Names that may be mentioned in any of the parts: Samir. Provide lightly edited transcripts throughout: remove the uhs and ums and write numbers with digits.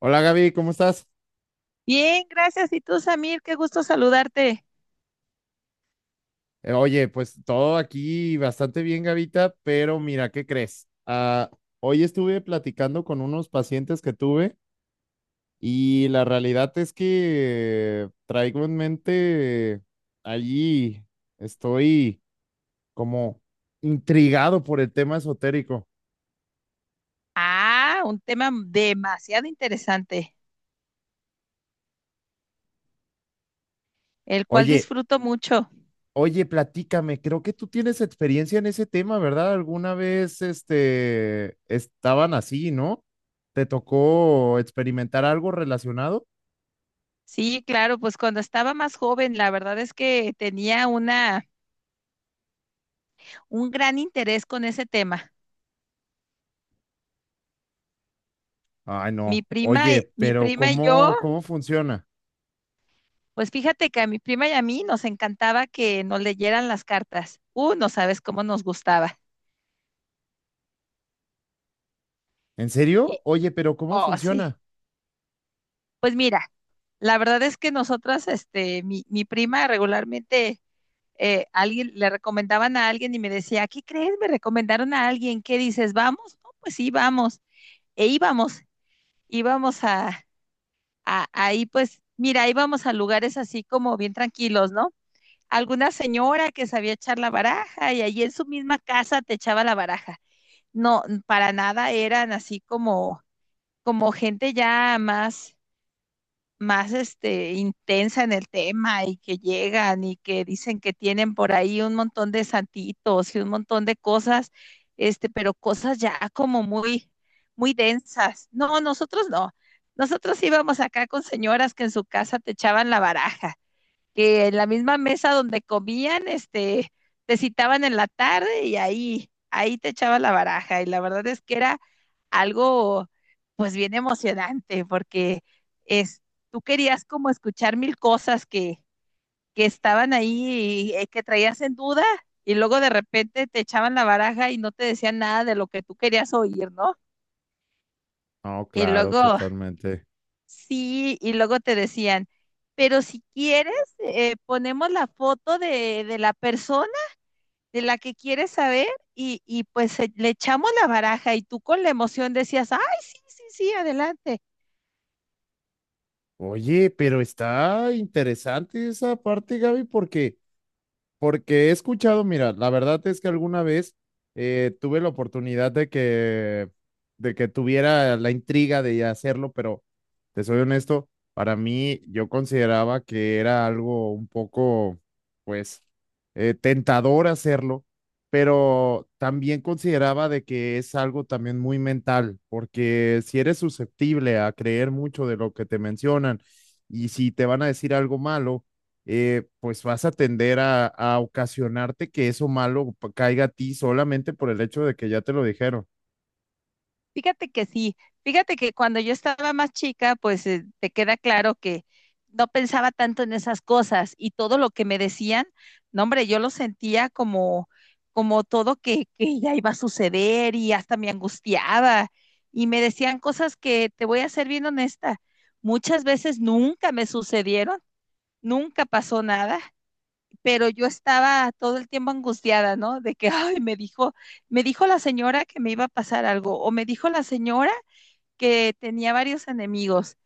Hola Gaby, ¿cómo estás? Bien, gracias. Y tú, Samir, qué gusto saludarte. Oye, pues todo aquí bastante bien, Gavita, pero mira, ¿qué crees? Hoy estuve platicando con unos pacientes que tuve y la realidad es que traigo en mente allí, estoy como intrigado por el tema esotérico. Ah, un tema demasiado interesante, el cual Oye, disfruto mucho. Oye, platícame, creo que tú tienes experiencia en ese tema, ¿verdad? Alguna vez, estaban así, ¿no? ¿Te tocó experimentar algo relacionado? Sí, claro, pues cuando estaba más joven, la verdad es que tenía una, un gran interés con ese tema. Ay, Mi no. prima, Oye, y- mi pero prima y yo, ¿cómo funciona? pues fíjate que a mi prima y a mí nos encantaba que nos leyeran las cartas. No sabes cómo nos gustaba. ¿En serio? Y, Oye, pero ¿cómo oh, sí. funciona? Pues mira, la verdad es que nosotras, este, mi prima regularmente alguien le recomendaban a alguien y me decía, ¿qué crees? Me recomendaron a alguien, ¿qué dices? ¿Vamos? No, pues sí, vamos. E íbamos, íbamos a ahí pues, mira, íbamos a lugares así como bien tranquilos, ¿no? Alguna señora que sabía echar la baraja y allí en su misma casa te echaba la baraja. No, para nada eran así como, como gente ya más este, intensa en el tema y que llegan y que dicen que tienen por ahí un montón de santitos y un montón de cosas, este, pero cosas ya como muy, muy densas. No, nosotros no. Nosotros íbamos acá con señoras que en su casa te echaban la baraja que en la misma mesa donde comían, este, te citaban en la tarde y ahí, ahí te echabas la baraja. Y la verdad es que era algo, pues bien emocionante, porque es, tú querías como escuchar mil cosas que estaban ahí y, que traías en duda, y luego de repente te echaban la baraja y no te decían nada de lo que tú querías oír, ¿no? No, Y claro, luego totalmente. sí, y luego te decían, pero si quieres, ponemos la foto de la persona de la que quieres saber y pues le echamos la baraja, y tú con la emoción decías, ay, sí, sí, sí, adelante. Oye, pero está interesante esa parte, Gaby, porque he escuchado, mira, la verdad es que alguna vez tuve la oportunidad de que tuviera la intriga de hacerlo, pero te soy honesto, para mí yo consideraba que era algo un poco, pues, tentador hacerlo, pero también consideraba de que es algo también muy mental, porque si eres susceptible a creer mucho de lo que te mencionan y si te van a decir algo malo, pues vas a tender a ocasionarte que eso malo caiga a ti solamente por el hecho de que ya te lo dijeron. Fíjate que sí, fíjate que cuando yo estaba más chica, pues te queda claro que no pensaba tanto en esas cosas y todo lo que me decían, no hombre, yo lo sentía como, como todo que ya iba a suceder y hasta me angustiaba, y me decían cosas que te voy a ser bien honesta, muchas veces nunca me sucedieron, nunca pasó nada, pero yo estaba todo el tiempo angustiada, ¿no? De que, ay, me dijo la señora que me iba a pasar algo, o me dijo la señora que tenía varios enemigos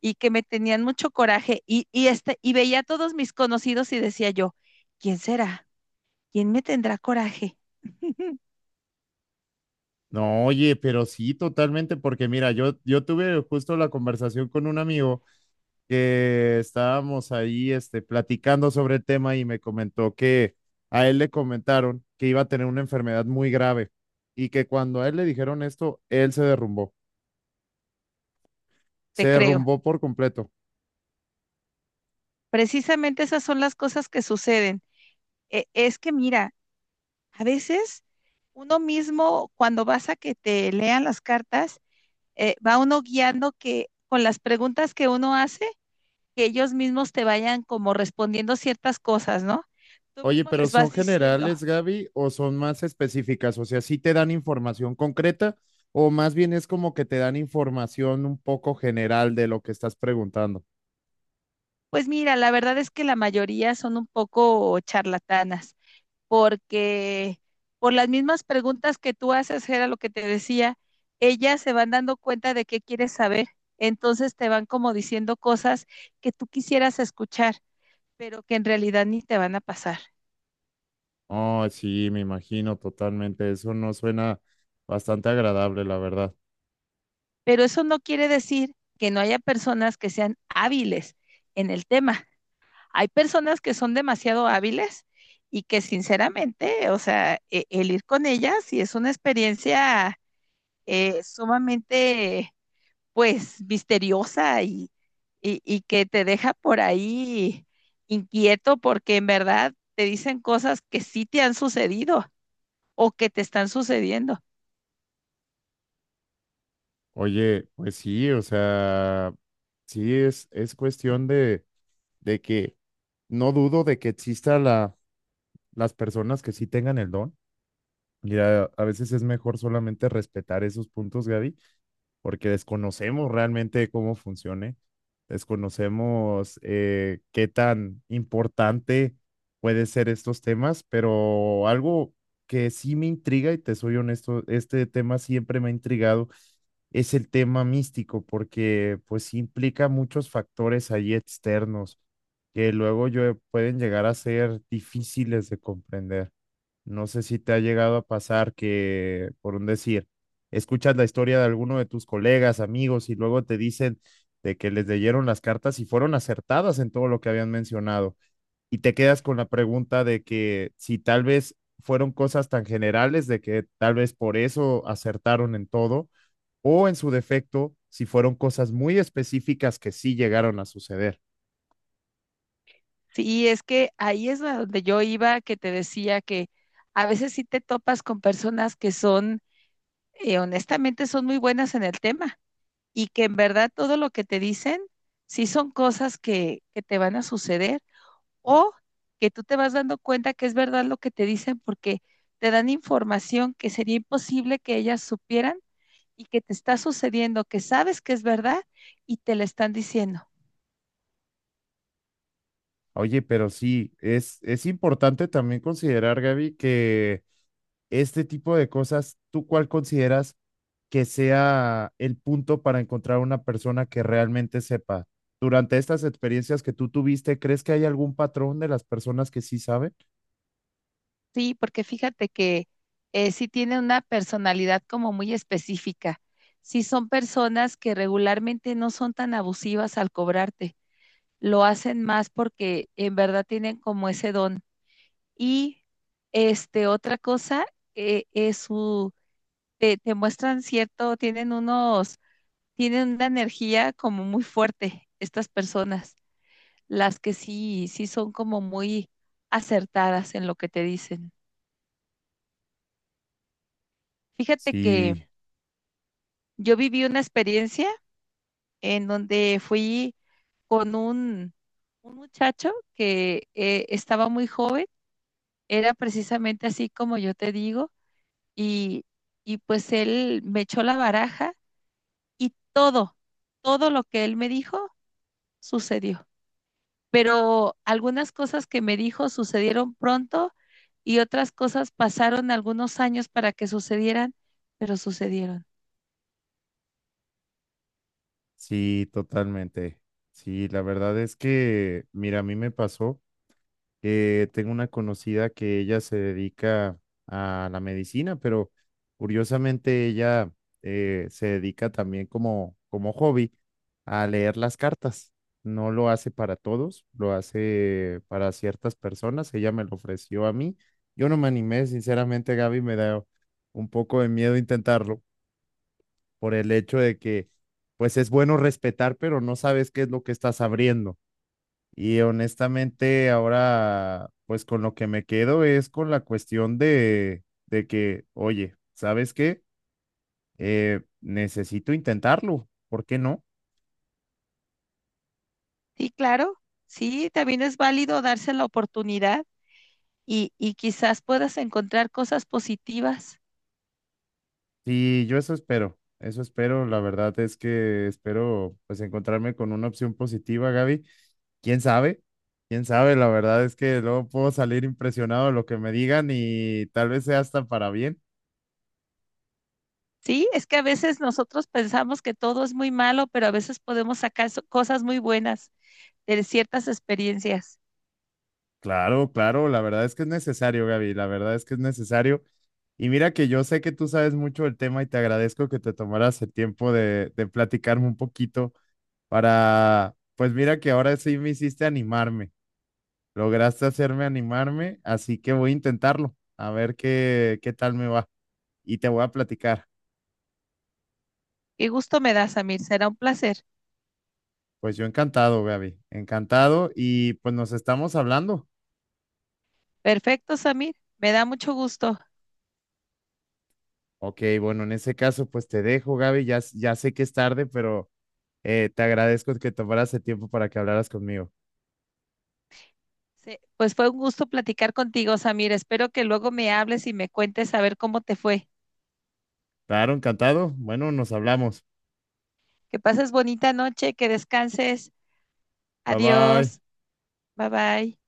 y que me tenían mucho coraje y, este, y veía a todos mis conocidos y decía yo, ¿quién será? ¿Quién me tendrá coraje? No, oye, pero sí, totalmente, porque mira, yo tuve justo la conversación con un amigo que estábamos ahí platicando sobre el tema y me comentó que a él le comentaron que iba a tener una enfermedad muy grave y que cuando a él le dijeron esto, él Te se creo. derrumbó por completo. Precisamente esas son las cosas que suceden. Es que mira, a veces uno mismo cuando vas a que te lean las cartas, va uno guiando que con las preguntas que uno hace, que ellos mismos te vayan como respondiendo ciertas cosas, ¿no? Tú Oye, mismo pero les ¿son vas diciendo. generales, Gaby, o son más específicas? O sea, ¿sí te dan información concreta o más bien es como que te dan información un poco general de lo que estás preguntando? Pues mira, la verdad es que la mayoría son un poco charlatanas, porque por las mismas preguntas que tú haces, era lo que te decía, ellas se van dando cuenta de qué quieres saber, entonces te van como diciendo cosas que tú quisieras escuchar, pero que en realidad ni te van a pasar. Oh, sí, me imagino totalmente. Eso no suena bastante agradable, la verdad. Pero eso no quiere decir que no haya personas que sean hábiles en el tema. Hay personas que son demasiado hábiles y que sinceramente, o sea, el ir con ellas sí es una experiencia sumamente, pues, misteriosa y, y que te deja por ahí inquieto porque en verdad te dicen cosas que sí te han sucedido o que te están sucediendo. Oye, pues sí, o sea, sí es cuestión de que no dudo de que exista las personas que sí tengan el don. Y a veces es mejor solamente respetar esos puntos, Gaby, porque desconocemos realmente cómo funcione, desconocemos qué tan importante puede ser estos temas, pero algo que sí me intriga, y te soy honesto, este tema siempre me ha intrigado, es el tema místico, porque pues implica muchos factores ahí externos que luego pueden llegar a ser difíciles de comprender. No sé si te ha llegado a pasar que, por un decir, escuchas la historia de alguno de tus colegas, amigos, y luego te dicen de que les leyeron las cartas y fueron acertadas en todo lo que habían mencionado. Y te quedas con la pregunta de que si tal vez fueron cosas tan generales, de que tal vez por eso acertaron en todo, o en su defecto, si fueron cosas muy específicas que sí llegaron a suceder. Sí, es que ahí es a donde yo iba, que te decía que a veces sí te topas con personas que son, honestamente, son muy buenas en el tema y que en verdad todo lo que te dicen sí son cosas que te van a suceder o que tú te vas dando cuenta que es verdad lo que te dicen porque te dan información que sería imposible que ellas supieran y que te está sucediendo, que sabes que es verdad y te la están diciendo. Oye, pero sí, es importante también considerar, Gaby, que este tipo de cosas, ¿tú cuál consideras que sea el punto para encontrar una persona que realmente sepa? Durante estas experiencias que tú tuviste, ¿crees que hay algún patrón de las personas que sí saben? Sí, porque fíjate que sí tiene una personalidad como muy específica. Sí son personas que regularmente no son tan abusivas al cobrarte, lo hacen más porque en verdad tienen como ese don. Y este, otra cosa es su, te muestran cierto, tienen unos, tienen una energía como muy fuerte estas personas, las que sí, sí son como muy acertadas en lo que te dicen. Fíjate que Sí, yo viví una experiencia en donde fui con un muchacho que estaba muy joven, era precisamente así como yo te digo, y, y pues él me echó la baraja y todo, todo lo que él me dijo sucedió. Pero algunas cosas que me dijo sucedieron pronto y otras cosas pasaron algunos años para que sucedieran, pero sucedieron. sí, totalmente. Sí, la verdad es que, mira, a mí me pasó que tengo una conocida que ella se dedica a la medicina, pero curiosamente ella se dedica también como hobby a leer las cartas. No lo hace para todos, lo hace para ciertas personas. Ella me lo ofreció a mí. Yo no me animé, sinceramente, Gaby, me da un poco de miedo intentarlo por el hecho de que, pues es bueno respetar, pero no sabes qué es lo que estás abriendo. Y honestamente, ahora, pues con lo que me quedo es con la cuestión de que, oye, ¿sabes qué? Necesito intentarlo, ¿por qué no? Sí, claro, sí, también es válido darse la oportunidad y quizás puedas encontrar cosas positivas. Sí, yo eso espero, la verdad es que espero pues encontrarme con una opción positiva, Gaby. ¿Quién sabe? ¿Quién sabe? La verdad es que luego puedo salir impresionado de lo que me digan y tal vez sea hasta para bien. Sí, es que a veces nosotros pensamos que todo es muy malo, pero a veces podemos sacar cosas muy buenas de ciertas experiencias. Claro, claro, la verdad es que es necesario, Gaby, la verdad es que es necesario. Y mira que yo sé que tú sabes mucho del tema y te agradezco que te tomaras el tiempo de platicarme un poquito para, pues mira que ahora sí me hiciste animarme, lograste hacerme animarme, así que voy a intentarlo, a ver qué, qué tal me va y te voy a platicar. Qué gusto me da, Samir, será un placer. Pues yo encantado, Gaby, encantado y pues nos estamos hablando. Perfecto, Samir. Me da mucho gusto. Ok, bueno, en ese caso pues te dejo, Gaby, ya, ya sé que es tarde, pero te agradezco que tomaras el tiempo para que hablaras conmigo. Pues fue un gusto platicar contigo, Samir. Espero que luego me hables y me cuentes a ver cómo te fue. Claro, encantado. Bueno, nos hablamos. Que pases bonita noche, que descanses. Bye bye. Adiós. Bye bye.